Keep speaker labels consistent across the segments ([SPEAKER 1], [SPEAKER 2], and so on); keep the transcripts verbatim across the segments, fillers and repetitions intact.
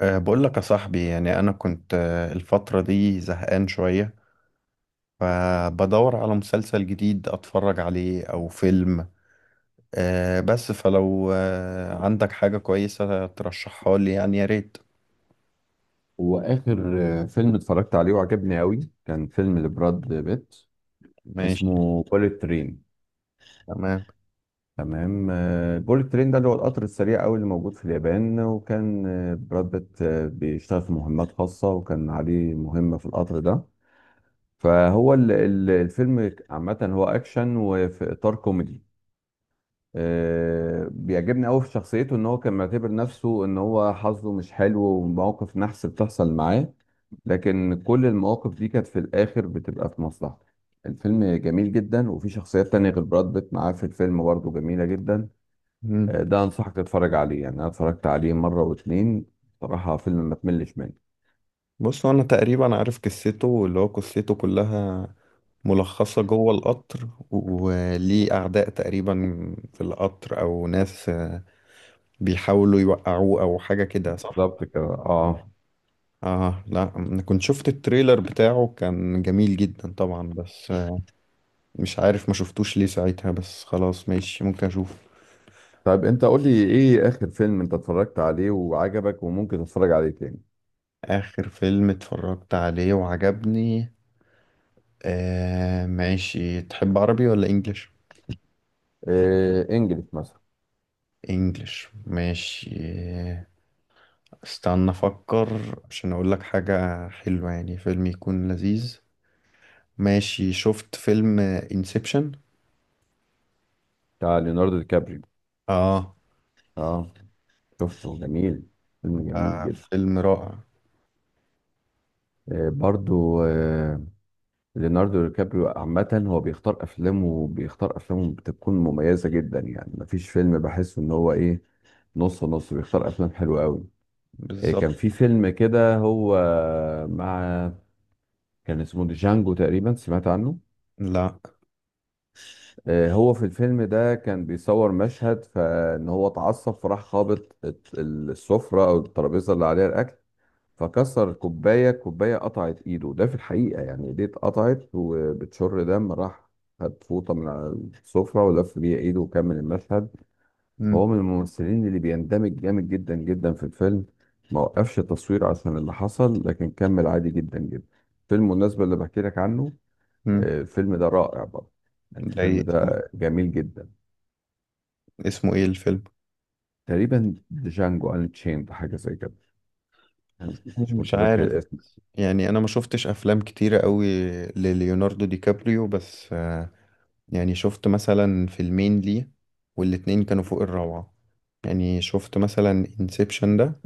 [SPEAKER 1] أه بقول لك يا صاحبي، يعني أنا كنت أه، الفترة دي زهقان شوية، فبدور على مسلسل جديد أتفرج عليه أو فيلم. أه بس فلو أه عندك حاجة كويسة ترشحها لي، يعني يا ريت.
[SPEAKER 2] هو آخر آه، فيلم اتفرجت عليه وعجبني أوي كان فيلم لبراد بيت
[SPEAKER 1] ماشي.
[SPEAKER 2] اسمه بوليت ترين.
[SPEAKER 1] تمام.
[SPEAKER 2] تمام. بوليت ترين ده اللي هو القطر السريع أوي اللي موجود في اليابان، وكان آه، براد بيت آه، بيشتغل في مهمات خاصة وكان عليه مهمة في القطر ده. فهو ال- ال- الفيلم عامة هو أكشن وفي إطار كوميدي. آه، بيعجبني قوي في شخصيته ان هو كان معتبر نفسه ان هو حظه مش حلو ومواقف نحس بتحصل معاه، لكن كل المواقف دي كانت في الاخر بتبقى في مصلحته. الفيلم جميل جدا، وفي شخصيات تانية غير براد بيت معاه في الفيلم برضه جميلة جدا.
[SPEAKER 1] مم.
[SPEAKER 2] آه، ده انصحك تتفرج عليه، يعني انا اتفرجت عليه مرة واتنين، بصراحة فيلم ما تملش منه.
[SPEAKER 1] بص أنا تقريبا عارف قصته، اللي هو قصته كلها ملخصة جوه القطر، وليه أعداء تقريبا في القطر أو ناس، أه، بيحاولوا يوقعوه أو حاجة كده، صح؟
[SPEAKER 2] بالظبط كده اه.
[SPEAKER 1] اه لا، انا كنت شفت التريلر بتاعه، كان جميل جدا طبعا، بس آه، مش عارف ما شفتوش ليه ساعتها، بس خلاص ماشي، ممكن اشوف.
[SPEAKER 2] طيب انت قول لي ايه اخر فيلم انت اتفرجت عليه وعجبك وممكن تتفرج عليه تاني؟
[SPEAKER 1] اخر فيلم اتفرجت عليه وعجبني؟ آه ماشي، تحب عربي ولا انجليش؟
[SPEAKER 2] آه، انجلش مثلا.
[SPEAKER 1] انجليش ماشي. استنى افكر عشان اقول لك حاجة حلوة، يعني فيلم يكون لذيذ. ماشي، شفت فيلم انسبشن؟
[SPEAKER 2] بتاع ليوناردو دي كابريو.
[SPEAKER 1] اه.
[SPEAKER 2] اه. شفته، جميل. فيلم جميل
[SPEAKER 1] آه،
[SPEAKER 2] جدا.
[SPEAKER 1] فيلم رائع.
[SPEAKER 2] آه، برضو آه. ليوناردو ديكابريو عامة هو بيختار أفلامه بيختار أفلامه بتكون مميزة جدا، يعني مفيش فيلم بحس إن هو إيه، نص نص، بيختار أفلام حلوة أوي. آه، كان
[SPEAKER 1] بالظبط.
[SPEAKER 2] في فيلم كده هو مع، كان اسمه جانجو تقريبا، سمعت عنه؟
[SPEAKER 1] لا.
[SPEAKER 2] آه، هو في الفيلم ده كان بيصور مشهد فإن هو اتعصب فراح خابط الت- السفرة أو الترابيزة اللي عليها الأكل، فكسر كوباية، كوباية قطعت ايده. ده في الحقيقة يعني ايديه اتقطعت وبتشر دم، راح خد فوطة من على السفرة ولف بيها ايده وكمل المشهد. هو
[SPEAKER 1] مم.
[SPEAKER 2] من الممثلين اللي بيندمج جامد جدا جدا في الفيلم، ما وقفش التصوير عشان اللي حصل لكن كمل عادي جدا جدا. فيلم المناسبة اللي بحكي لك عنه.
[SPEAKER 1] مم.
[SPEAKER 2] آه، الفيلم ده رائع برضه، يعني
[SPEAKER 1] زي
[SPEAKER 2] الفيلم
[SPEAKER 1] اسمه.
[SPEAKER 2] ده جميل جدا.
[SPEAKER 1] اسمه ايه الفيلم؟
[SPEAKER 2] تقريبا جانجو انشيند حاجة زي كده، يعني مش
[SPEAKER 1] مش
[SPEAKER 2] متذكر
[SPEAKER 1] عارف.
[SPEAKER 2] الاسم.
[SPEAKER 1] يعني انا ما شفتش افلام كتيرة قوي لليوناردو دي كابريو، بس آه، يعني شفت مثلا فيلمين ليه، والاتنين كانوا فوق الروعة. يعني شفت مثلا انسبشن ده،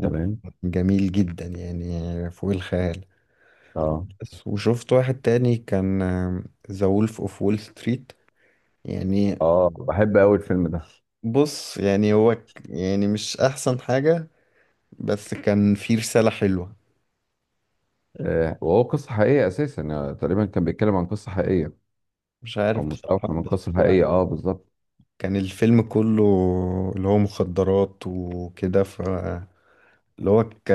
[SPEAKER 2] تمام.
[SPEAKER 1] وجميل جدا يعني، فوق الخيال.
[SPEAKER 2] اه.
[SPEAKER 1] بس وشفت واحد تاني، كان آه، ذا وولف اوف وول ستريت، يعني.
[SPEAKER 2] اه، بحب قوي الفيلم ده.
[SPEAKER 1] بص يعني هو ك- يعني مش احسن حاجة، بس كان فيه رسالة حلوة.
[SPEAKER 2] آه، وهو قصة حقيقية أساسا، يعني تقريبا كان بيتكلم عن قصة حقيقية،
[SPEAKER 1] مش
[SPEAKER 2] أو
[SPEAKER 1] عارف بصراحة،
[SPEAKER 2] مستوحى من
[SPEAKER 1] بس
[SPEAKER 2] قصة
[SPEAKER 1] هو
[SPEAKER 2] حقيقية أه، بالظبط.
[SPEAKER 1] كان الفيلم كله اللي هو مخدرات وكده، ف اللي هو ك...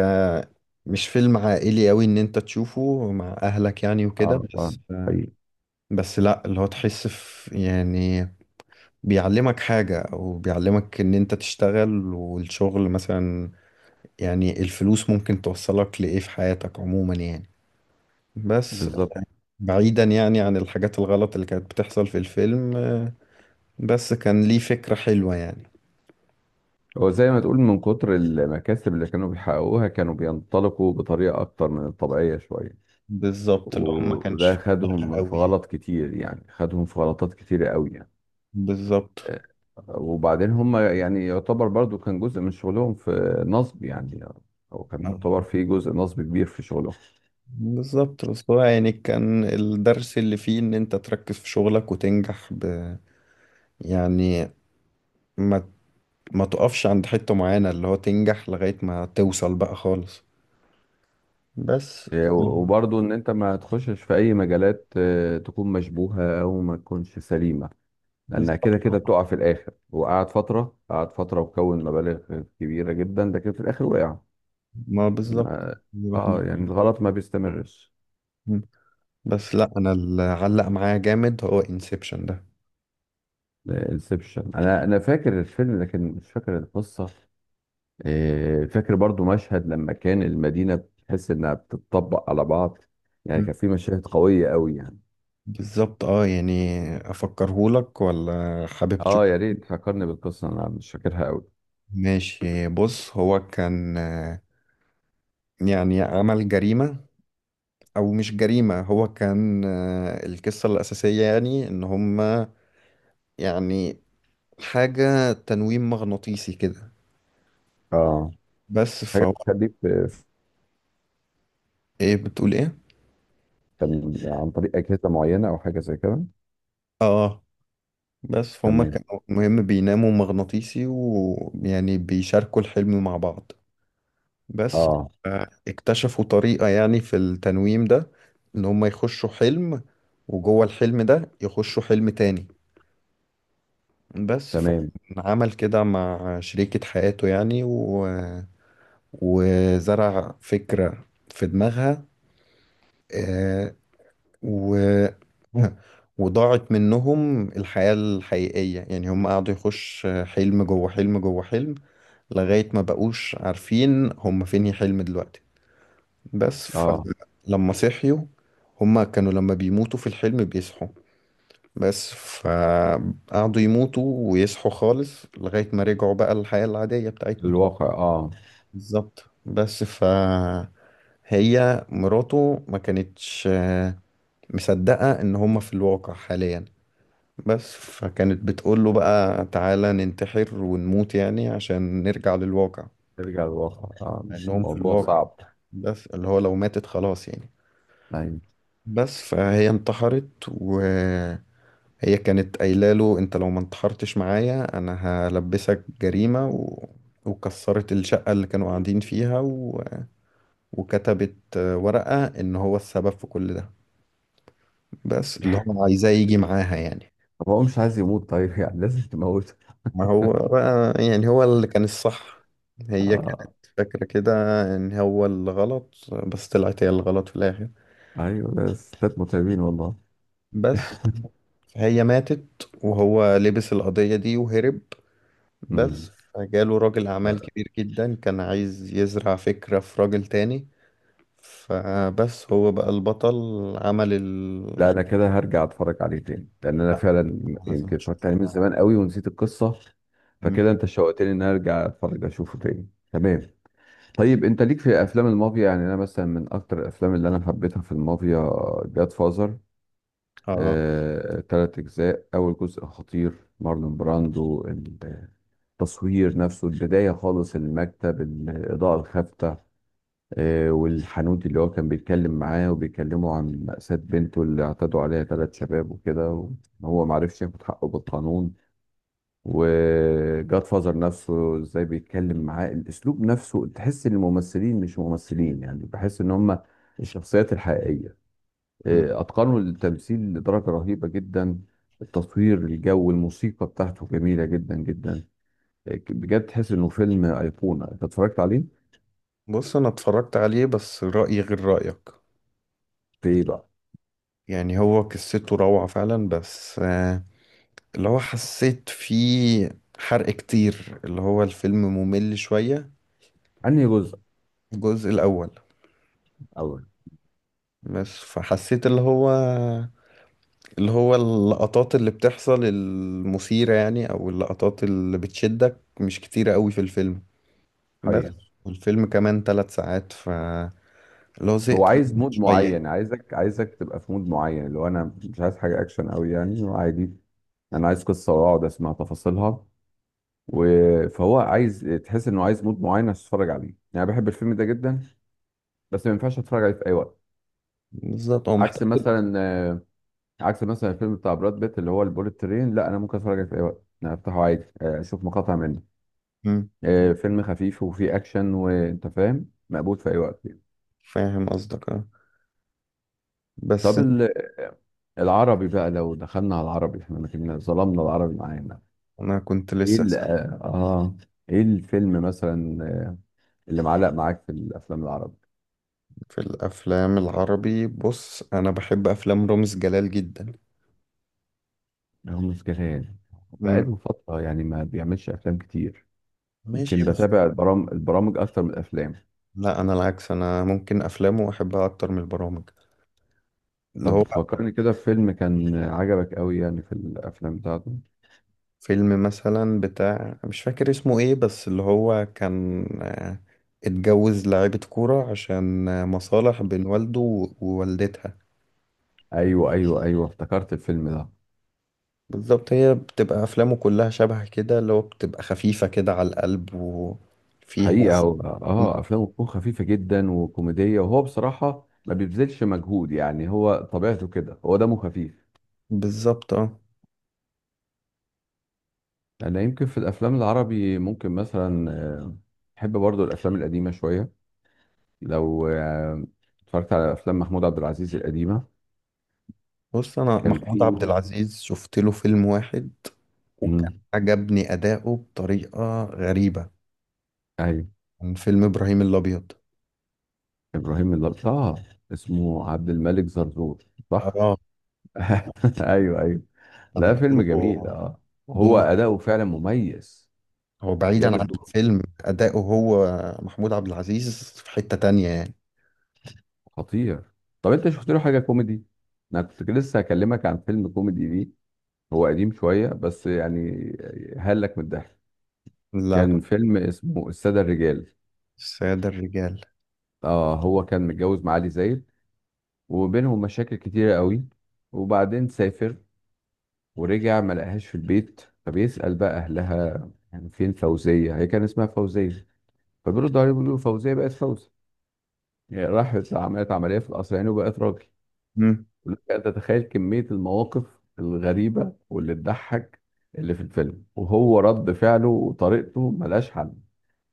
[SPEAKER 1] مش فيلم عائلي قوي ان انت تشوفه مع اهلك يعني، وكده.
[SPEAKER 2] أه أه.
[SPEAKER 1] بس
[SPEAKER 2] حقيقي.
[SPEAKER 1] بس لا، اللي هو تحس في يعني، بيعلمك حاجة او بيعلمك ان انت تشتغل، والشغل مثلا، يعني الفلوس ممكن توصلك لايه في حياتك عموما يعني. بس
[SPEAKER 2] بالظبط.
[SPEAKER 1] بعيدا يعني عن الحاجات الغلط اللي كانت بتحصل في الفيلم، بس كان ليه فكرة حلوة يعني.
[SPEAKER 2] هو زي ما تقول من كتر المكاسب اللي كانوا بيحققوها كانوا بينطلقوا بطريقة أكتر من الطبيعية شوية.
[SPEAKER 1] بالظبط، اللي هو ما مم.
[SPEAKER 2] و-
[SPEAKER 1] كانش
[SPEAKER 2] وده
[SPEAKER 1] فيه دماغ
[SPEAKER 2] خدهم في
[SPEAKER 1] قوي يعني.
[SPEAKER 2] غلط كتير، يعني خدهم في غلطات كتيرة قوي يعني.
[SPEAKER 1] بالظبط.
[SPEAKER 2] آه، وبعدين هم يعني يعتبر برضو كان جزء من شغلهم في نصب يعني، هو كان يعتبر
[SPEAKER 1] ما-
[SPEAKER 2] في جزء نصب كبير في شغلهم.
[SPEAKER 1] بالظبط، بس هو يعني كان الدرس اللي فيه ان انت تركز في شغلك وتنجح، ب يعني ما ما تقفش عند حتة معينة، اللي هو تنجح لغاية ما توصل بقى خالص. بس
[SPEAKER 2] آه،
[SPEAKER 1] آه،
[SPEAKER 2] وبرضه ان انت ما تخشش في اي مجالات آه، تكون مشبوهة او ما تكونش سليمة، لانها كده
[SPEAKER 1] بالظبط
[SPEAKER 2] كده
[SPEAKER 1] آه.
[SPEAKER 2] بتقع في الاخر. وقعد فترة قعد فترة وكون مبالغ كبيرة جدا، لكن في الاخر وقع.
[SPEAKER 1] ما بالظبط،
[SPEAKER 2] ما-
[SPEAKER 1] دي واحدة.
[SPEAKER 2] اه يعني الغلط ما بيستمرش.
[SPEAKER 1] مم. بس لا، انا اللي علق معايا جامد هو انسبشن ده.
[SPEAKER 2] انسبشن، انا انا فاكر الفيلم لكن مش فاكر القصة. آه، فاكر برضو مشهد لما كان المدينة بتحس انها بتطبق على بعض، يعني
[SPEAKER 1] مم.
[SPEAKER 2] كان في مشاهد قوية قوي يعني.
[SPEAKER 1] بالظبط اه، يعني افكرهولك ولا حابب؟
[SPEAKER 2] اه يا ريت فكرني بالقصة، انا مش فاكرها قوي.
[SPEAKER 1] ماشي، بص هو كان، آه، يعني عمل جريمة، أو مش جريمة، هو كان، آه، القصة الأساسية يعني إن هما، يعني حاجة تنويم مغناطيسي كده.
[SPEAKER 2] اه،
[SPEAKER 1] بس
[SPEAKER 2] حاجه
[SPEAKER 1] فهو.
[SPEAKER 2] بتخليك في في،
[SPEAKER 1] إيه، بتقول إيه؟
[SPEAKER 2] تل- عن طريق اجهزه معينه او حاجه زي كده.
[SPEAKER 1] آه. بس فهم
[SPEAKER 2] تمام.
[SPEAKER 1] كانوا مهم بيناموا مغناطيسي، ويعني بيشاركوا الحلم مع بعض. بس
[SPEAKER 2] اه.
[SPEAKER 1] آه، اكتشفوا طريقة يعني في التنويم ده، إن هما يخشوا حلم، وجوه الحلم ده يخشوا حلم تاني. بس
[SPEAKER 2] تمام.
[SPEAKER 1] فعمل كده مع شريكة حياته يعني، و وزرع فكرة في دماغها. آه، و وضاعت منهم الحياة الحقيقية، يعني هم قعدوا يخش حلم جوه حلم جوه حلم، لغاية ما بقوش عارفين هم فين الحلم دلوقتي. بس
[SPEAKER 2] اه.
[SPEAKER 1] فلما صحيوا، هم كانوا لما بيموتوا في الحلم بيصحوا، بس فقعدوا يموتوا ويصحوا خالص لغاية ما رجعوا بقى للحياة العادية بتاعتنا.
[SPEAKER 2] الواقع اه.
[SPEAKER 1] بالظبط، بس فهي مراته ما كانتش آه، مصدقة ان هما في الواقع حاليا. بس فكانت بتقول له بقى، تعالى ننتحر ونموت، يعني عشان نرجع للواقع،
[SPEAKER 2] ترجع للواقع اه، مش-
[SPEAKER 1] انهم في
[SPEAKER 2] الموضوع
[SPEAKER 1] الواقع،
[SPEAKER 2] صعب.
[SPEAKER 1] بس اللي هو لو ماتت خلاص يعني.
[SPEAKER 2] ايوه.
[SPEAKER 1] بس فهي انتحرت، و هي كانت قايله له، انت لو ما انتحرتش معايا، انا هلبسك جريمه. و وكسرت الشقه اللي كانوا قاعدين فيها، و وكتبت آه، ورقه ان هو السبب في كل ده، بس اللي هو عايزاه يجي معاها يعني.
[SPEAKER 2] طب هو مش عايز يموت طيب يعني لازم تموته؟
[SPEAKER 1] ما هو بقى يعني، هو اللي كان الصح، هي
[SPEAKER 2] اه.
[SPEAKER 1] كانت فاكره كده ان هو اللي غلط، بس طلعت هي الغلط في الاخر.
[SPEAKER 2] ايوه، ده ستات متعبين والله.
[SPEAKER 1] بس هي ماتت، وهو لبس القضيه دي وهرب.
[SPEAKER 2] مم.
[SPEAKER 1] بس فجاله راجل أعمال
[SPEAKER 2] لا،
[SPEAKER 1] كبير جدا كان عايز يزرع فكرة في راجل تاني، فبس هو بقى البطل، عمل ال
[SPEAKER 2] لا انا كده هرجع اتفرج عليه تاني، لان انا فعلا
[SPEAKER 1] لازم
[SPEAKER 2] يمكن اتفرجت
[SPEAKER 1] تشوف.
[SPEAKER 2] عليه من زمان قوي ونسيت القصه.
[SPEAKER 1] مم.
[SPEAKER 2] فكده انت شوقتني ان أنا ارجع اتفرج اشوفه تاني، تمام. طيب انت ليك في افلام المافيا؟ يعني انا مثلا من اكتر الافلام اللي انا حبيتها في المافيا، جاد فازر.
[SPEAKER 1] اه.
[SPEAKER 2] آه، تلات اجزاء، اول جزء خطير. مارلون براندو. التصوير نفسه، البدايه خالص، المكتب، الاضاءه الخافتة. آه، والحانوت اللي هو كان بيتكلم معاه، وبيكلموا عن مأساة بنته اللي اعتدوا عليها ثلاث شباب وكده، وهو معرفش ياخد حقه بالقانون. وجاد فازر نفسه ازاي بيتكلم معاه، الاسلوب نفسه، تحس ان الممثلين مش ممثلين، يعني بحس ان هم الشخصيات الحقيقيه.
[SPEAKER 1] مم.
[SPEAKER 2] إيه، اتقنوا التمثيل لدرجه رهيبه جدا. التصوير، الجو، الموسيقى بتاعته جميله جدا جدا. إيه، بجد تحس انه فيلم ايقونه انت اتفرجت عليه.
[SPEAKER 1] بص أنا اتفرجت عليه، بس رأيي غير رأيك.
[SPEAKER 2] في ايه بقى؟
[SPEAKER 1] يعني هو قصته روعة فعلا، بس آه، اللي هو حسيت فيه حرق كتير، اللي هو الفيلم ممل شوية.
[SPEAKER 2] انهي جزء؟
[SPEAKER 1] الجزء الأول.
[SPEAKER 2] اول.
[SPEAKER 1] بس فحسيت اللي هو، اللي هو اللقطات اللي بتحصل المثيرة، يعني أو اللقطات اللي بتشدك، مش كتيرة قوي في الفيلم. بس
[SPEAKER 2] حقيقه.
[SPEAKER 1] والفيلم كمان ثلاث ساعات، ف اللي هو
[SPEAKER 2] هو
[SPEAKER 1] زهقت
[SPEAKER 2] عايز
[SPEAKER 1] منه
[SPEAKER 2] مود
[SPEAKER 1] شوية يعني.
[SPEAKER 2] معين، عايزك عايزك تبقى في مود معين، اللي هو انا مش عايز حاجه اكشن قوي يعني، عادي، انا عايز قصه واقعد اسمع تفاصيلها. و- فهو عايز تحس انه عايز مود معين عشان تتفرج عليه، يعني بحب الفيلم ده جدا بس ما ينفعش اتفرج عليه في اي وقت.
[SPEAKER 1] بالظبط، هو
[SPEAKER 2] عكس
[SPEAKER 1] محتاج.
[SPEAKER 2] مثلا آه، عكس مثلا الفيلم بتاع براد بيت اللي هو البوليت ترين، لا انا ممكن اتفرج عليه في اي وقت، انا افتحه عادي، آه، اشوف مقاطع منه.
[SPEAKER 1] مم.
[SPEAKER 2] آه، فيلم خفيف وفيه اكشن وانت فاهم، مقبول في اي وقت يعني.
[SPEAKER 1] فاهم قصدك، اه. بس
[SPEAKER 2] طب ال- العربي بقى، لو دخلنا على العربي، احنا ما كنا ظلمنا العربي معانا.
[SPEAKER 1] أنا كنت
[SPEAKER 2] ايه
[SPEAKER 1] لسه
[SPEAKER 2] ال-
[SPEAKER 1] أسأل.
[SPEAKER 2] اه آه، ايه الفيلم مثلا اللي معلق معاك في الافلام العربية؟
[SPEAKER 1] في الأفلام العربي، بص أنا بحب أفلام رامز جلال جدا.
[SPEAKER 2] رامز جلال.
[SPEAKER 1] مم.
[SPEAKER 2] بقاله فترة يعني ما بيعملش أفلام كتير، يمكن
[SPEAKER 1] ماشي، بس
[SPEAKER 2] بتابع البرامج البرامج أكتر من الأفلام.
[SPEAKER 1] لا أنا العكس، أنا ممكن أفلامه أحبها أكتر من البرامج، اللي
[SPEAKER 2] طب
[SPEAKER 1] هو
[SPEAKER 2] فكرني كده في فيلم كان عجبك أوي يعني في الأفلام بتاعته.
[SPEAKER 1] فيلم مثلا بتاع، مش فاكر اسمه ايه، بس اللي هو كان، آه، اتجوز لاعيبة كورة عشان آه، مصالح بين والده و- ووالدتها.
[SPEAKER 2] أيوه أيوه أيوه، افتكرت الفيلم ده.
[SPEAKER 1] بالظبط، هي بتبقى أفلامه كلها شبه كده، اللي هو بتبقى خفيفة كده على القلب، وفيها
[SPEAKER 2] حقيقة هو آه، أفلامه بتكون خفيفة جدا وكوميدية، وهو بصراحة ما بيبذلش مجهود، يعني هو طبيعته كده، هو دمه خفيف.
[SPEAKER 1] بالظبط اه.
[SPEAKER 2] أنا يمكن في الأفلام العربي ممكن مثلا آه، بحب برضو الأفلام القديمة شوية، لو آه، اتفرجت على أفلام محمود عبد العزيز القديمة.
[SPEAKER 1] بص أنا
[SPEAKER 2] كان
[SPEAKER 1] محمود
[SPEAKER 2] في.
[SPEAKER 1] عبد العزيز شفت له فيلم واحد، وكان
[SPEAKER 2] مم.
[SPEAKER 1] عجبني أداؤه بطريقة غريبة.
[SPEAKER 2] ايوه.
[SPEAKER 1] كان فيلم إبراهيم الأبيض.
[SPEAKER 2] ابراهيم اللط... اه، اسمه عبد الملك زرزور، صح؟
[SPEAKER 1] اه.
[SPEAKER 2] ايوه ايوه.
[SPEAKER 1] كان
[SPEAKER 2] لا، فيلم جميل
[SPEAKER 1] دوره،
[SPEAKER 2] اه، وهو
[SPEAKER 1] دوره،
[SPEAKER 2] اداؤه فعلا مميز.
[SPEAKER 1] هو بعيدا
[SPEAKER 2] جاب
[SPEAKER 1] عن
[SPEAKER 2] الدور.
[SPEAKER 1] الفيلم، أداؤه هو محمود عبد العزيز في حتة تانية يعني.
[SPEAKER 2] خطير. طب انت شفت له حاجه كوميدي؟ انا كنت لسه هكلمك عن فيلم كوميدي ليه، هو قديم شويه بس يعني هلك من الضحك.
[SPEAKER 1] لا.
[SPEAKER 2] كان فيلم اسمه الساده الرجال.
[SPEAKER 1] السادة الرجال.
[SPEAKER 2] اه، هو كان متجوز معالي زايد وبينهم مشاكل كتيره قوي، وبعدين سافر ورجع ما لقاهاش في البيت، فبيسأل بقى أهلها يعني فين فوزية، هي كان اسمها فوزية. فبيردوا عليه بيقولوا له فوزية بقت فوزي، يعني راحت عملت عملية في القصرين وبقت راجل.
[SPEAKER 1] مم.
[SPEAKER 2] ولك أن تتخيل كمية المواقف الغريبة واللي تضحك اللي في الفيلم، وهو رد فعله وطريقته ملهاش حل.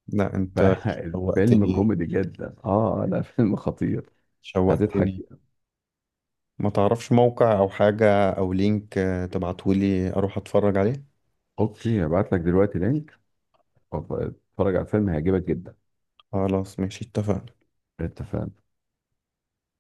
[SPEAKER 1] لا أنت،
[SPEAKER 2] فالفيلم
[SPEAKER 1] شوقتني
[SPEAKER 2] كوميدي جدا اه، لا فيلم خطير، هتضحك
[SPEAKER 1] شوقتني.
[SPEAKER 2] فيه.
[SPEAKER 1] ما تعرفش موقع أو حاجة أو لينك، آه، تبعتهولي أروح أتفرج عليه؟
[SPEAKER 2] اوكي، هبعت لك دلوقتي لينك، اتفرج على الفيلم هيعجبك جدا.
[SPEAKER 1] خلاص ماشي، اتفقنا.
[SPEAKER 2] اتفقنا.